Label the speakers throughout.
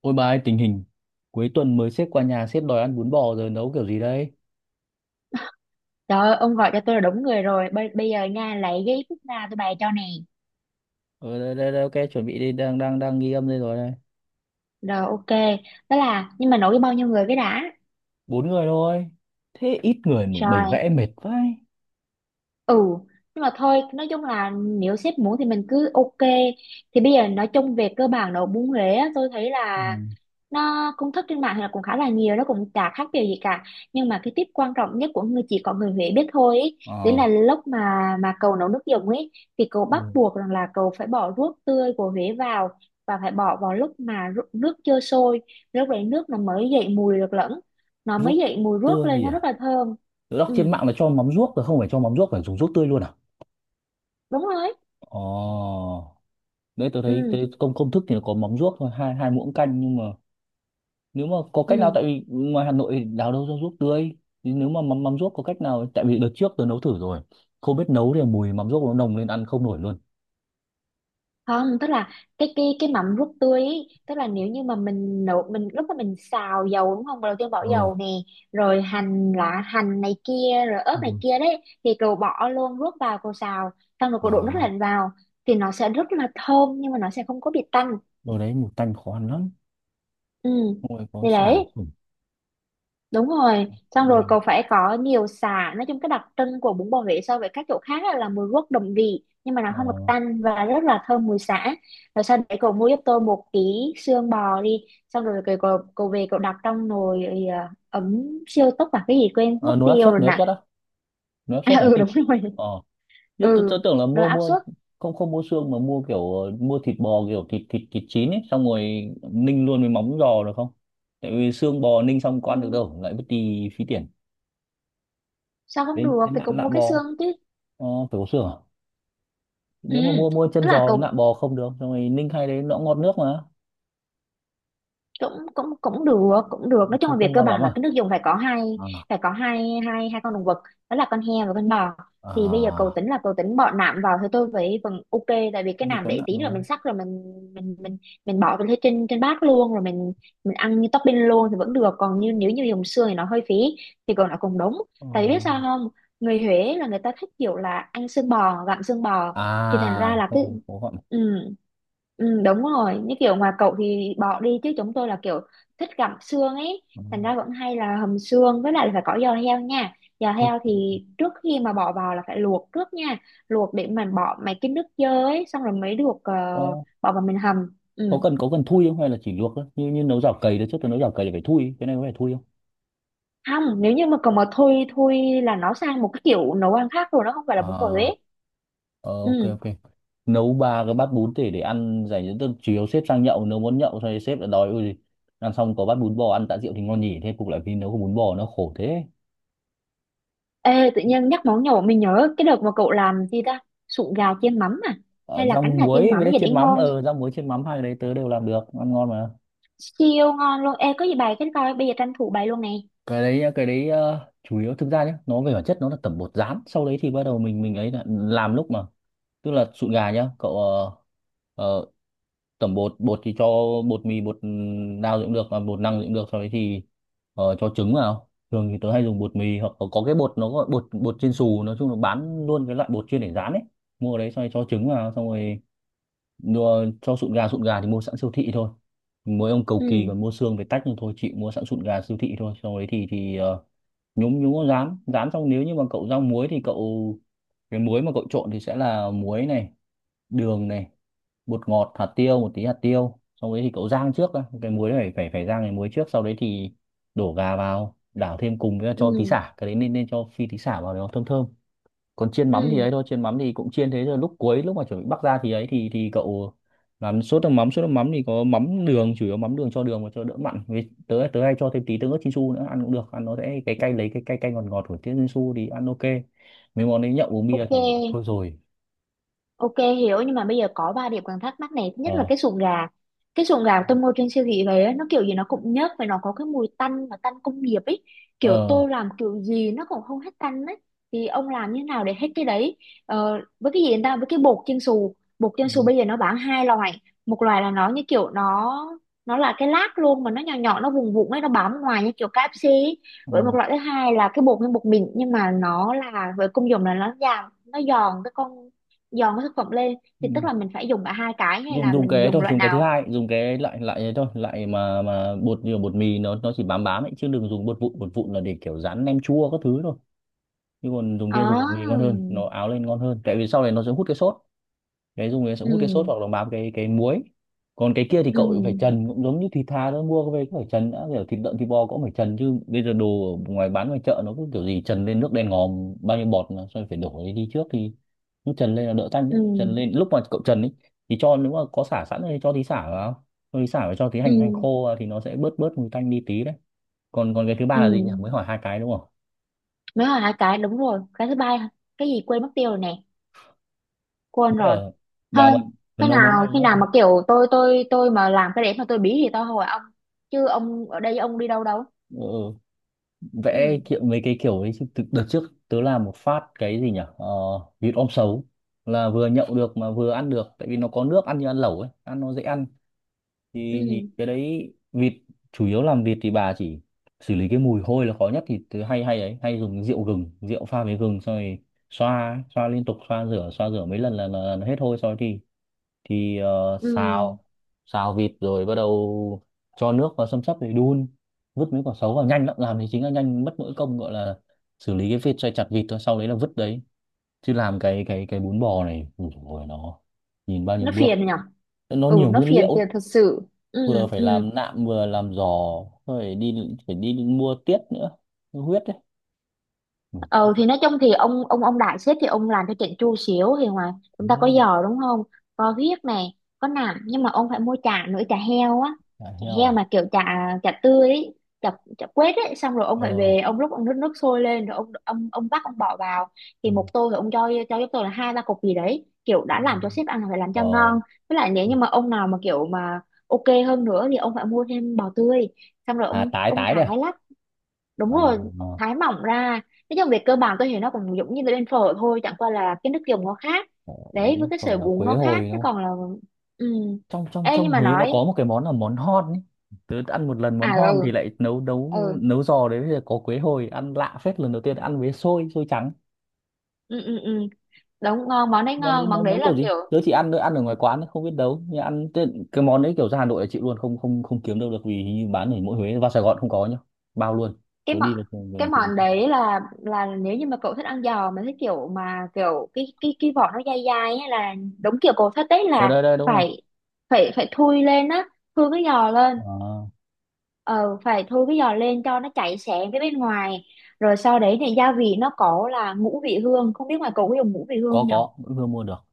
Speaker 1: Ôi bà ơi, tình hình cuối tuần mới sếp qua nhà sếp đòi ăn bún bò rồi nấu kiểu gì đây?
Speaker 2: Trời ơi, ông gọi cho tôi là đúng người rồi. Bây giờ nha, lấy cái phút nào tôi bày cho nè.
Speaker 1: Ờ đây, ok chuẩn bị đi đang đang đang ghi âm đây rồi đây.
Speaker 2: Rồi, ok. Đó là, nhưng mà nổi bao nhiêu người cái đã?
Speaker 1: Bốn người thôi. Thế ít người mà bày
Speaker 2: Rồi,
Speaker 1: vẽ mệt vãi.
Speaker 2: ừ, nhưng mà thôi nói chung là nếu sếp muốn thì mình cứ ok. Thì bây giờ nói chung về cơ bản nấu bún Huế á, tôi thấy
Speaker 1: Ừ.
Speaker 2: là nó công thức trên mạng thì là cũng khá là nhiều, nó cũng chả khác điều gì cả, nhưng mà cái tip quan trọng nhất của người chỉ có người Huế biết thôi ý, đấy là
Speaker 1: Ờ,
Speaker 2: lúc mà cậu nấu nước dùng ấy thì cậu bắt
Speaker 1: ừ.
Speaker 2: buộc rằng là cậu phải bỏ ruốc tươi của Huế vào, và phải bỏ vào lúc mà nước chưa sôi. Lúc đấy nước nó mới dậy mùi được lẫn, nó
Speaker 1: Ruốc
Speaker 2: mới dậy mùi ruốc
Speaker 1: tươi
Speaker 2: lên,
Speaker 1: gì
Speaker 2: nó
Speaker 1: à?
Speaker 2: rất là thơm.
Speaker 1: Tớ đọc
Speaker 2: Ừ,
Speaker 1: trên mạng là cho mắm ruốc rồi không phải cho mắm ruốc phải dùng ruốc tươi luôn à?
Speaker 2: đúng rồi.
Speaker 1: Ờ. Đấy tớ thấy
Speaker 2: Ừ.
Speaker 1: tớ, công công thức thì nó có mắm ruốc thôi, hai 2 muỗng canh nhưng mà nếu mà có cách nào
Speaker 2: Ừ,
Speaker 1: tại vì ngoài Hà Nội thì đào đâu ra ruốc tươi thì nếu mà mắm mắm ruốc có cách nào tại vì đợt trước tớ nấu thử rồi không biết nấu thì mùi mắm ruốc nó nồng lên ăn không nổi luôn
Speaker 2: không, tức là cái mắm ruốc tươi ý, tức là nếu như mà mình nấu mình lúc mà mình xào dầu đúng không, đầu tiên bỏ
Speaker 1: ừ
Speaker 2: dầu nè, rồi hành lá, hành này kia, rồi ớt này
Speaker 1: Ừ.
Speaker 2: kia đấy, thì cậu bỏ luôn ruốc vào cậu xào, xong rồi cậu đổ nước
Speaker 1: à
Speaker 2: lạnh vào, thì nó sẽ rất là thơm nhưng mà nó sẽ không có bị tanh.
Speaker 1: đồ đấy mùi tanh khó ăn lắm
Speaker 2: Ừ,
Speaker 1: Xong rồi có
Speaker 2: thì
Speaker 1: sả
Speaker 2: đấy.
Speaker 1: sủng
Speaker 2: Đúng rồi, xong rồi
Speaker 1: riêng.
Speaker 2: cậu phải có nhiều sả. Nói chung cái đặc trưng của bún bò Huế so với các chỗ khác á là mùi rất đậm vị nhưng mà nó
Speaker 1: Ờ
Speaker 2: không được tanh và rất là thơm mùi sả. Rồi sau đấy cậu mua giúp tôi một ký xương bò đi, xong rồi cậu về cậu đặt trong nồi, ờ, ấm siêu tốc và cái gì quên mất
Speaker 1: à, nồi áp
Speaker 2: tiêu
Speaker 1: suất
Speaker 2: rồi
Speaker 1: nồi áp
Speaker 2: nè.
Speaker 1: suất á nồi áp
Speaker 2: À,
Speaker 1: suất ở
Speaker 2: ừ
Speaker 1: Ninh
Speaker 2: đúng rồi,
Speaker 1: ờ nhất tớ,
Speaker 2: ừ,
Speaker 1: tớ tưởng là
Speaker 2: rồi
Speaker 1: mua
Speaker 2: áp
Speaker 1: mua
Speaker 2: suất.
Speaker 1: không không mua xương mà mua kiểu mua thịt bò kiểu thịt thịt thịt chín ấy xong rồi ninh luôn với móng giò được không tại vì xương bò ninh xong có
Speaker 2: Ừ,
Speaker 1: ăn được đâu lại mất đi phí tiền
Speaker 2: sao không
Speaker 1: đấy
Speaker 2: được,
Speaker 1: cái
Speaker 2: thì
Speaker 1: nạn
Speaker 2: cậu
Speaker 1: lạ
Speaker 2: mua cái
Speaker 1: bò
Speaker 2: xương chứ.
Speaker 1: Ờ, phải có xương à?
Speaker 2: Ừ,
Speaker 1: Nếu mà mua mua
Speaker 2: tức
Speaker 1: chân
Speaker 2: là
Speaker 1: giò với
Speaker 2: cậu
Speaker 1: nạm bò không được, rồi ninh hay đấy nó cũng ngọt nước mà,
Speaker 2: cũng cũng cũng được, cũng được. Nói chung
Speaker 1: không
Speaker 2: là về
Speaker 1: không
Speaker 2: cơ
Speaker 1: ngon
Speaker 2: bản
Speaker 1: lắm à?
Speaker 2: là cái nước dùng phải có hai,
Speaker 1: À,
Speaker 2: phải có hai hai hai con động vật, đó là con heo và con bò. Thì bây giờ cầu
Speaker 1: à,
Speaker 2: tính là cầu tính bỏ nạm vào thì tôi với phần ok, tại vì cái
Speaker 1: Thế thì
Speaker 2: nạm
Speaker 1: có
Speaker 2: để
Speaker 1: nạm
Speaker 2: tí nữa
Speaker 1: rồi.
Speaker 2: mình sắc rồi mình mình bỏ vào trên trên bát luôn, rồi mình ăn như topping luôn thì vẫn được, còn như nếu như dùng xương thì nó hơi phí, thì còn nó cũng đúng.
Speaker 1: Ờ,
Speaker 2: Tại vì biết sao không, người Huế là người ta thích kiểu là ăn xương bò, gặm xương bò, thì thành ra
Speaker 1: à,
Speaker 2: là
Speaker 1: không
Speaker 2: cái,
Speaker 1: không có gọn.
Speaker 2: ừ, Ừ, đúng rồi, như kiểu ngoài cậu thì bỏ đi chứ chúng tôi là kiểu thích gặm xương ấy,
Speaker 1: Ờ,
Speaker 2: thành ra vẫn hay là hầm xương, với lại là phải có giò heo nha. Giò
Speaker 1: Thế
Speaker 2: heo thì trước khi mà bỏ vào là phải luộc trước nha, luộc để mình bỏ mấy cái nước dơ ấy, xong rồi mới được, ờ,
Speaker 1: có
Speaker 2: bỏ vào mình hầm.
Speaker 1: có
Speaker 2: Ừ.
Speaker 1: cần có cần thui không hay là chỉ luộc thôi? Như như nấu chảo cầy đấy trước tôi nấu chảo cầy là phải thui, cái này có phải thui không?
Speaker 2: Không, nếu như mà còn mà thui thui là nó sang một cái kiểu nấu ăn khác rồi, nó không phải là bún bò
Speaker 1: À,
Speaker 2: ấy.
Speaker 1: Ờ, ok
Speaker 2: Ừ.
Speaker 1: ok nấu ba cái bát bún để ăn dành cho tức chiều sếp sang nhậu nếu muốn nhậu xong rồi sếp lại đòi ui ăn xong có bát bún bò ăn tạ rượu thì ngon nhỉ thế cục lại vì nấu có bún bò nó khổ thế
Speaker 2: Ê, tự nhiên nhắc món nhậu mình nhớ cái đợt mà cậu làm gì ta, sụn gà chiên mắm à, hay
Speaker 1: Ờ,
Speaker 2: là
Speaker 1: rau
Speaker 2: cánh gà chiên
Speaker 1: muối
Speaker 2: mắm
Speaker 1: với
Speaker 2: gì đấy
Speaker 1: chiên mắm
Speaker 2: ngon,
Speaker 1: rau muối chiên mắm hai cái đấy tớ đều làm được ăn ngon mà
Speaker 2: siêu ngon luôn. Ê có gì bày cái coi, bây giờ tranh thủ bày luôn nè.
Speaker 1: cái đấy nhá, cái đấy chủ yếu thực ra nhá nó về bản chất nó là tẩm bột rán sau đấy thì bắt đầu mình ấy là làm lúc mà tức là sụn gà nhá cậu ờ, tẩm bột bột thì cho bột mì bột ừ, đao gì cũng được mà bột năng gì cũng được sau đấy thì cho trứng vào thường thì tớ hay dùng bột mì hoặc có cái bột nó gọi bột bột chiên xù nói chung là bán luôn cái loại bột chuyên để rán ấy mua ở đấy xong rồi cho trứng vào xong rồi mua cho sụn gà thì mua sẵn siêu thị thôi mỗi ông cầu kỳ
Speaker 2: Ừ.
Speaker 1: còn mua xương về tách nhưng thôi chị mua sẵn sụn gà siêu thị thôi sau đấy thì nhúng nhúng có rán rán xong nếu như mà cậu rang muối thì cậu cái muối mà cậu trộn thì sẽ là muối này đường này bột ngọt hạt tiêu một tí hạt tiêu sau đấy thì cậu rang trước đã. Cái muối này phải phải phải rang cái muối trước sau đấy thì đổ gà vào đảo thêm cùng với cho tí
Speaker 2: Ừ.
Speaker 1: sả cái đấy nên nên cho phi tí sả vào để nó thơm thơm còn chiên mắm thì
Speaker 2: Ừ.
Speaker 1: ấy thôi chiên mắm thì cũng chiên thế rồi lúc cuối lúc mà chuẩn bị bắc ra thì ấy thì cậu làm sốt nước mắm thì có mắm đường chủ yếu mắm đường cho đường và cho đỡ mặn với tớ tớ hay cho thêm tí tương ớt Chinsu nữa ăn cũng được ăn nó sẽ cái cay lấy cái cay cay ngọt ngọt của tiếng Chinsu thì ăn ok mấy món đấy nhậu uống bia
Speaker 2: Ok.
Speaker 1: thì bảo thôi rồi
Speaker 2: Ok hiểu. Nhưng mà bây giờ có ba điểm còn thắc mắc này. Thứ nhất là
Speaker 1: ờ
Speaker 2: cái sụn gà, cái sụn gà tôi mua trên siêu thị về á, nó kiểu gì nó cũng nhớt và nó có cái mùi tanh và tanh công nghiệp ấy, kiểu
Speaker 1: ờ
Speaker 2: tôi làm kiểu gì nó cũng không hết tanh ấy, thì ông làm như thế nào để hết cái đấy. Ờ, với cái gì người ta với cái bột chiên xù, bột chiên
Speaker 1: ừ,
Speaker 2: xù bây giờ nó bán hai loại. Một loại là nó như kiểu nó là cái lát luôn mà nó nhỏ nhỏ, nó vùng vụng ấy, nó bám ngoài như kiểu KFC ấy.
Speaker 1: ừ.
Speaker 2: Với một loại thứ hai là cái bột như bột mịn, nhưng mà nó là với công dụng là nó giảm, nó giòn cái con, giòn với thực phẩm lên. Thì tức là mình phải dùng cả hai cái hay
Speaker 1: dùng
Speaker 2: là
Speaker 1: dùng
Speaker 2: mình
Speaker 1: cái ấy
Speaker 2: dùng
Speaker 1: thôi
Speaker 2: loại
Speaker 1: dùng cái thứ
Speaker 2: nào.
Speaker 1: hai dùng cái loại loại ấy thôi loại mà bột như bột mì nó chỉ bám bám ấy chứ đừng dùng bột vụn là để kiểu rán nem chua các thứ thôi chứ còn dùng kia dùng bột mì ngon
Speaker 2: À,
Speaker 1: hơn nó áo lên ngon hơn tại vì sau này nó sẽ hút cái sốt cái dùng này sẽ hút cái sốt
Speaker 2: ừ.
Speaker 1: hoặc là bám cái muối còn cái kia thì
Speaker 2: Ừ.
Speaker 1: cậu cũng phải trần cũng giống như thịt thà đó mua về cũng phải trần đã kiểu thịt lợn thịt bò cũng phải trần chứ bây giờ đồ ở ngoài bán ngoài chợ nó cứ kiểu gì trần lên nước đen ngòm bao nhiêu bọt mà xong rồi phải đổ đi đi trước thì nó trần lên là đỡ tanh
Speaker 2: Ừ.
Speaker 1: đấy trần lên lúc mà cậu trần ấy thì cho nếu mà có sả sẵn thì cho tí sả vào cho tí sả và cho tí
Speaker 2: Ừ.
Speaker 1: hành hành khô vào thì nó sẽ bớt bớt mùi tanh đi tí đấy còn còn cái thứ ba
Speaker 2: Ừ,
Speaker 1: là gì nhỉ mới hỏi hai cái đúng không
Speaker 2: mới là hai cái đúng rồi, cái thứ ba cái gì quên mất tiêu rồi nè, quên rồi,
Speaker 1: ở
Speaker 2: thôi.
Speaker 1: mà mình
Speaker 2: Khi
Speaker 1: mình nấu món
Speaker 2: nào,
Speaker 1: này
Speaker 2: khi
Speaker 1: nhé
Speaker 2: nào mà kiểu tôi mà làm cái để mà tôi bí thì tôi hỏi ông, chứ ông ở đây ông đi đâu đâu.
Speaker 1: ừ, vẽ
Speaker 2: Ừ.
Speaker 1: kiểu mấy cái kiểu ấy chứ đợt trước tớ làm một phát cái gì nhỉ vịt om sấu là vừa nhậu được mà vừa ăn được tại vì nó có nước ăn như ăn lẩu ấy ăn nó dễ ăn
Speaker 2: Ừ.
Speaker 1: thì, cái đấy vịt chủ yếu làm vịt thì bà chỉ xử lý cái mùi hôi là khó nhất thì tớ hay hay ấy hay dùng rượu gừng rượu pha với gừng xong rồi xoa xoa liên tục xoa rửa mấy lần là hết hôi xong rồi thì
Speaker 2: Ừ
Speaker 1: xào xào vịt rồi bắt đầu cho nước vào xăm xắp để đun vứt mấy quả sấu vào nhanh lắm làm thì chính là nhanh mất mỗi công gọi là xử lý cái vết xoay chặt vịt thôi sau đấy là vứt đấy chứ làm cái bún bò này ui dồi ôi, nó nhìn bao nhiêu
Speaker 2: nó
Speaker 1: bước
Speaker 2: phiền nhở.
Speaker 1: nó
Speaker 2: Ừ
Speaker 1: nhiều
Speaker 2: nó
Speaker 1: nguyên liệu
Speaker 2: phiền
Speaker 1: ấy.
Speaker 2: phiền thật sự.
Speaker 1: Vừa
Speaker 2: Ừ.
Speaker 1: phải
Speaker 2: Ừ.
Speaker 1: làm nạm vừa làm giò phải đi phải đi mua tiết nữa huyết đấy Ừ,
Speaker 2: Ừ thì nói chung thì ông đại sếp thì ông làm cho chỉnh chu xíu thì ngoài,
Speaker 1: thế
Speaker 2: chúng ta có giò đúng không, có huyết này, có nạm, nhưng mà ông phải mua chả nữa, chả heo á,
Speaker 1: chả
Speaker 2: chả heo
Speaker 1: heo
Speaker 2: mà kiểu chả, chả tươi ấy, chả, chả quết ấy. Xong rồi ông phải
Speaker 1: ờ
Speaker 2: về ông lúc ông nước, nước sôi lên rồi ông vắt ông bỏ vào,
Speaker 1: ừ,
Speaker 2: thì một tô thì ông cho giúp tôi là hai ba cục gì đấy, kiểu
Speaker 1: ừ,
Speaker 2: đã làm cho sếp ăn là phải làm cho
Speaker 1: ờ
Speaker 2: ngon. Với lại nếu như mà ông nào mà kiểu mà ok hơn nữa thì ông phải mua thêm bò tươi, xong rồi
Speaker 1: à
Speaker 2: ông
Speaker 1: tái
Speaker 2: ông
Speaker 1: tái đấy à,
Speaker 2: thái lát. Đúng
Speaker 1: à,
Speaker 2: rồi,
Speaker 1: à
Speaker 2: thái mỏng ra. Nói chung về cơ bản tôi thấy nó cũng giống như là bên phở thôi, chẳng qua là cái nước dùng nó khác
Speaker 1: phở đấy,
Speaker 2: đấy, với cái
Speaker 1: phở
Speaker 2: sợi
Speaker 1: là
Speaker 2: bún
Speaker 1: quế
Speaker 2: nó
Speaker 1: hồi
Speaker 2: khác,
Speaker 1: đúng
Speaker 2: chứ
Speaker 1: không
Speaker 2: còn là. Ừ.
Speaker 1: trong trong
Speaker 2: Ê nhưng
Speaker 1: trong
Speaker 2: mà
Speaker 1: Huế nó
Speaker 2: nói.
Speaker 1: có một cái món là món hon ấy. Tớ ăn một lần món
Speaker 2: À
Speaker 1: hon thì
Speaker 2: ừ.
Speaker 1: lại nấu nấu
Speaker 2: Ừ.
Speaker 1: nấu giò đấy bây giờ có quế hồi ăn lạ phết lần đầu tiên ăn với xôi xôi trắng
Speaker 2: Ừ. Ừ, ừ. Đúng ngon, món đấy
Speaker 1: món đấy
Speaker 2: ngon,
Speaker 1: nấu
Speaker 2: món đấy
Speaker 1: nấu
Speaker 2: là
Speaker 1: kiểu gì
Speaker 2: kiểu,
Speaker 1: tớ chỉ ăn ăn ở ngoài quán ấy, không biết nấu nhưng ăn cái món đấy kiểu ra Hà Nội là chịu luôn không không không kiếm đâu được vì hình như bán ở mỗi Huế vào Sài Gòn không có nhá bao luôn
Speaker 2: cái
Speaker 1: tớ
Speaker 2: món,
Speaker 1: đi vào Sài
Speaker 2: cái
Speaker 1: Gòn kiếm
Speaker 2: món
Speaker 1: không có
Speaker 2: đấy là nếu như mà cậu thích ăn giò mà thích kiểu mà kiểu cái vỏ nó dai dai ấy là đúng kiểu cậu thích đấy,
Speaker 1: ở
Speaker 2: là
Speaker 1: đây đây đúng rồi
Speaker 2: phải phải phải thui lên á, thui cái giò lên.
Speaker 1: Ờ,
Speaker 2: Ờ phải thôi cái giò lên cho nó chảy xém với bên ngoài. Rồi sau đấy thì gia vị nó có là ngũ vị hương, không biết ngoài cậu có dùng ngũ vị hương
Speaker 1: có
Speaker 2: không nhở.
Speaker 1: có vẫn vừa mua được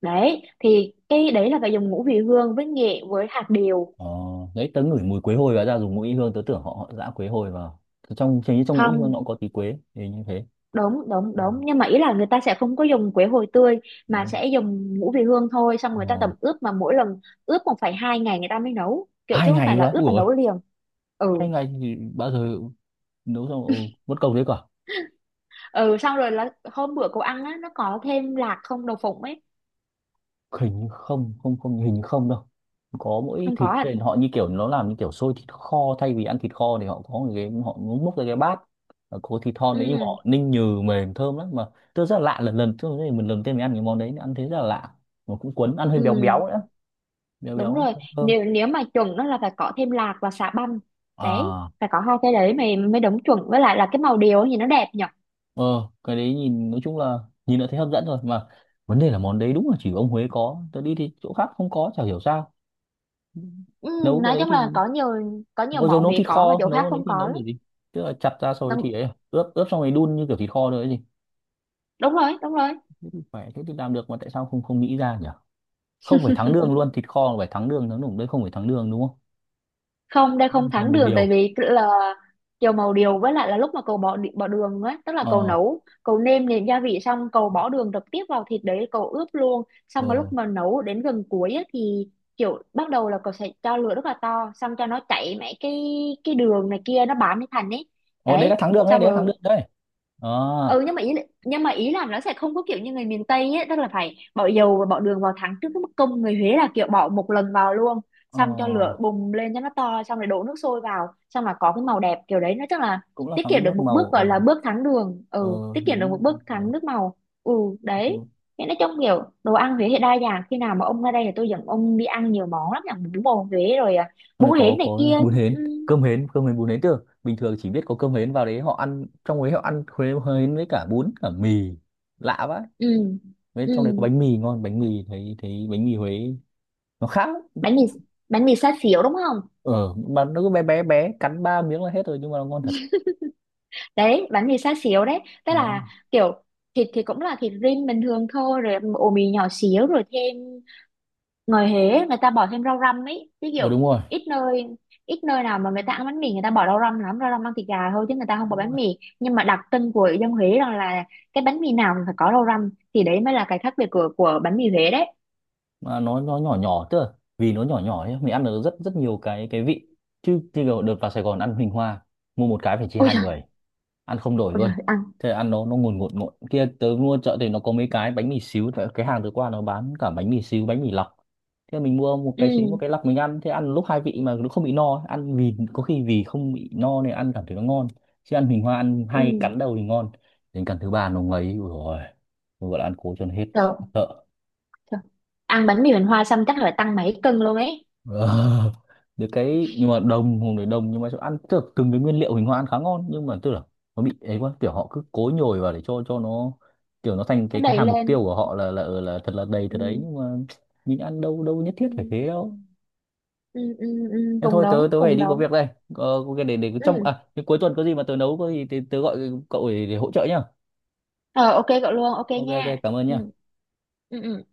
Speaker 2: Đấy thì cái đấy là phải dùng ngũ vị hương với nghệ với hạt điều.
Speaker 1: Ờ, đấy tớ ngửi mùi quế hồi và ra dùng mũi hương tớ tưởng họ họ giã quế hồi vào trong hình như trong mũi hương nó
Speaker 2: Không,
Speaker 1: cũng có tí quế thì như thế
Speaker 2: đúng đúng đúng, nhưng mà ý là người ta sẽ không có dùng quế hồi tươi, mà
Speaker 1: Đó.
Speaker 2: sẽ dùng ngũ vị hương thôi, xong người ta tẩm
Speaker 1: Ờ.
Speaker 2: ướp mà mỗi lần ướp một phải hai ngày người ta mới nấu kiểu,
Speaker 1: hai
Speaker 2: chứ không
Speaker 1: ngày
Speaker 2: phải
Speaker 1: cơ
Speaker 2: là
Speaker 1: á?
Speaker 2: ướp
Speaker 1: Ủa
Speaker 2: và
Speaker 1: rồi
Speaker 2: nấu liền. Ừ.
Speaker 1: 2 ngày thì bao giờ nấu xong ừ, mất công đấy cả
Speaker 2: Ừ, xong rồi là hôm bữa cậu ăn á nó có thêm lạc không, đậu phụng ấy.
Speaker 1: hình như không không không hình như không đâu có mỗi
Speaker 2: Không có
Speaker 1: thịt
Speaker 2: à.
Speaker 1: trên họ như kiểu nó làm như kiểu xôi thịt kho thay vì ăn thịt kho thì họ có một cái họ múc ra cái bát Và có thịt thon đấy nhưng mà
Speaker 2: Ừ.
Speaker 1: họ ninh nhừ mềm thơm lắm mà tôi rất là lạ lần lần tôi mình lần đầu tiên mình ăn cái món đấy ăn thấy rất là lạ mà cũng cuốn ăn hơi béo béo
Speaker 2: Ừ
Speaker 1: nữa béo
Speaker 2: đúng
Speaker 1: béo
Speaker 2: rồi,
Speaker 1: thơm
Speaker 2: nếu, nếu mà chuẩn nó là phải có thêm lạc và xà băm. Đấy
Speaker 1: à
Speaker 2: phải có hai cái đấy mày mới đúng chuẩn, với lại là cái màu điều thì nó đẹp nhở.
Speaker 1: Ờ, cái đấy nhìn nói chung là nhìn đã thấy hấp dẫn rồi mà vấn đề là món đấy đúng là chỉ ông Huế có tớ đi thì chỗ khác không có chả hiểu sao
Speaker 2: Ừ,
Speaker 1: nấu cái
Speaker 2: nói
Speaker 1: đấy
Speaker 2: chung là
Speaker 1: thì
Speaker 2: có nhiều, có nhiều
Speaker 1: bao giờ
Speaker 2: món
Speaker 1: nấu
Speaker 2: Huế
Speaker 1: thịt
Speaker 2: có mà
Speaker 1: kho
Speaker 2: chỗ
Speaker 1: nấu
Speaker 2: khác
Speaker 1: cái đấy
Speaker 2: không
Speaker 1: thì
Speaker 2: có
Speaker 1: nấu
Speaker 2: lắm.
Speaker 1: kiểu gì tức là chặt ra rồi
Speaker 2: Đúng,
Speaker 1: thì ấy à, ướp ướp xong rồi đun như kiểu thịt kho rồi ấy gì
Speaker 2: đúng rồi đúng rồi.
Speaker 1: phải thế thì làm được mà tại sao không không nghĩ ra nhỉ không phải thắng đường luôn thịt kho là phải thắng đường đấy không phải thắng đường đúng không
Speaker 2: Không đây không
Speaker 1: dầu
Speaker 2: thắng
Speaker 1: màu
Speaker 2: đường, tại
Speaker 1: điều
Speaker 2: vì tức là dầu màu điều với lại là lúc mà cậu bỏ đường ấy, tức là cậu
Speaker 1: ờ
Speaker 2: nấu cậu nêm nếm gia vị xong cậu bỏ đường trực tiếp vào thịt đấy cậu ướp luôn,
Speaker 1: ờ
Speaker 2: xong mà lúc mà nấu đến gần cuối ấy, thì kiểu bắt đầu là cậu sẽ cho lửa rất là to, xong cho nó chảy mấy cái đường này kia nó bám lên thành ấy.
Speaker 1: ờ đấy là
Speaker 2: Đấy,
Speaker 1: thắng đường đấy
Speaker 2: xong
Speaker 1: đấy là thắng
Speaker 2: rồi.
Speaker 1: đường đấy ờ
Speaker 2: Ừ nhưng mà ý, nhưng mà ý là nó sẽ không có kiểu như người miền Tây ấy, tức là phải bỏ dầu và bỏ đường vào thắng trước, cái bức công người Huế là kiểu bỏ một lần vào luôn,
Speaker 1: ờ
Speaker 2: xong cho lửa bùng lên cho nó to, xong rồi đổ nước sôi vào, xong là có cái màu đẹp kiểu đấy, nó chắc là
Speaker 1: cũng là
Speaker 2: tiết
Speaker 1: thắng
Speaker 2: kiệm được
Speaker 1: nước
Speaker 2: một
Speaker 1: màu
Speaker 2: bước
Speaker 1: ờ
Speaker 2: gọi là bước thắng đường. Ừ
Speaker 1: ờ
Speaker 2: tiết kiệm được một
Speaker 1: đúng
Speaker 2: bước thắng nước màu. Ừ đấy.
Speaker 1: rồi.
Speaker 2: Thế nói chung kiểu đồ ăn Huế thì đa dạng, khi nào mà ông ra đây thì tôi dẫn ông đi ăn nhiều món lắm nhỉ, bún bò Huế rồi à,
Speaker 1: Trong
Speaker 2: bún
Speaker 1: này
Speaker 2: Huế
Speaker 1: có
Speaker 2: này kia.
Speaker 1: bún hến,
Speaker 2: Ừ.
Speaker 1: cơm hến, cơm hến bún hến chứ. Bình thường chỉ biết có cơm hến vào đấy họ ăn trong đấy họ ăn hến với cả bún cả mì. Lạ vậy.
Speaker 2: Ừ.
Speaker 1: Với
Speaker 2: Ừ,
Speaker 1: trong đấy có bánh mì ngon, bánh mì thấy thấy bánh mì Huế nó khác. Lắm.
Speaker 2: bánh mì, bánh mì xá xíu đúng không.
Speaker 1: Ờ mà nó cứ bé bé bé cắn ba miếng là hết rồi nhưng mà nó ngon thật.
Speaker 2: Đấy bánh mì xá xíu đấy, tức
Speaker 1: Nó
Speaker 2: là kiểu thịt thì cũng là thịt rim bình thường thôi rồi ổ mì nhỏ xíu rồi thêm, ngồi hế, người ta bỏ thêm rau răm ấy chứ
Speaker 1: ờ
Speaker 2: kiểu,
Speaker 1: đúng rồi,
Speaker 2: ít nơi, ít nơi nào mà người ta ăn bánh mì người ta bỏ rau răm lắm, rau răm ăn thịt gà thôi chứ người ta không bỏ bánh mì, nhưng mà đặc trưng của dân Huế đó là cái bánh mì nào cũng phải có rau răm, thì đấy mới là cái khác biệt của bánh mì Huế đấy.
Speaker 1: mà nó nhỏ nhỏ chứ. Vì nó nhỏ nhỏ ấy, mình ăn được rất rất nhiều cái vị. Chứ chứ đợt vào Sài Gòn ăn Huỳnh Hoa, mua một cái phải chia
Speaker 2: Ôi
Speaker 1: hai
Speaker 2: trời.
Speaker 1: người. Ăn không đổi
Speaker 2: Ôi trời
Speaker 1: luôn
Speaker 2: ăn.
Speaker 1: thế là ăn nó ngùn ngụt ngụt kia tớ mua chợ thì nó có mấy cái bánh mì xíu tại cái hàng tớ qua nó bán cả bánh mì xíu bánh mì lọc thế là mình mua một
Speaker 2: Ừ.
Speaker 1: cái xíu một cái lọc mình ăn thế ăn lúc hai vị mà nó không bị no ăn vì có khi vì không bị no nên ăn cảm thấy nó ngon chứ ăn bình hoa ăn hay
Speaker 2: Ừ
Speaker 1: cắn đầu thì ngon đến cắn thứ ba nó ngấy ui rồi gọi là ăn cố cho nó hết
Speaker 2: trời,
Speaker 1: sợ
Speaker 2: trời. Ăn bánh mì Huỳnh Hoa xong chắc là tăng mấy cân luôn ấy.
Speaker 1: Ờ, được cái nhưng mà đồng hùng để đồng nhưng mà chỗ ăn tức là từng cái nguyên liệu hình hoa ăn khá ngon nhưng mà tức là nó bị ấy quá kiểu họ cứ cố nhồi vào để cho nó kiểu nó thành
Speaker 2: Nó
Speaker 1: cái
Speaker 2: đầy
Speaker 1: hàm mục
Speaker 2: lên.
Speaker 1: tiêu của họ là là thật là đầy thật đấy
Speaker 2: Ừ.
Speaker 1: nhưng mà mình ăn đâu đâu nhất
Speaker 2: Ừ.
Speaker 1: thiết phải
Speaker 2: Ừ.
Speaker 1: thế đâu
Speaker 2: Ừ
Speaker 1: thế
Speaker 2: cùng
Speaker 1: thôi tớ
Speaker 2: đóng,
Speaker 1: tớ phải
Speaker 2: cùng
Speaker 1: đi có việc
Speaker 2: đóng.
Speaker 1: đây có cái để
Speaker 2: Ừ.
Speaker 1: trong à cái cuối tuần có gì mà tớ nấu có gì tớ gọi cậu để hỗ trợ nhá
Speaker 2: Ờ ok cậu luôn, ok
Speaker 1: ok ok
Speaker 2: nha.
Speaker 1: cảm ơn
Speaker 2: Ừ.
Speaker 1: nhá
Speaker 2: Ừ ừ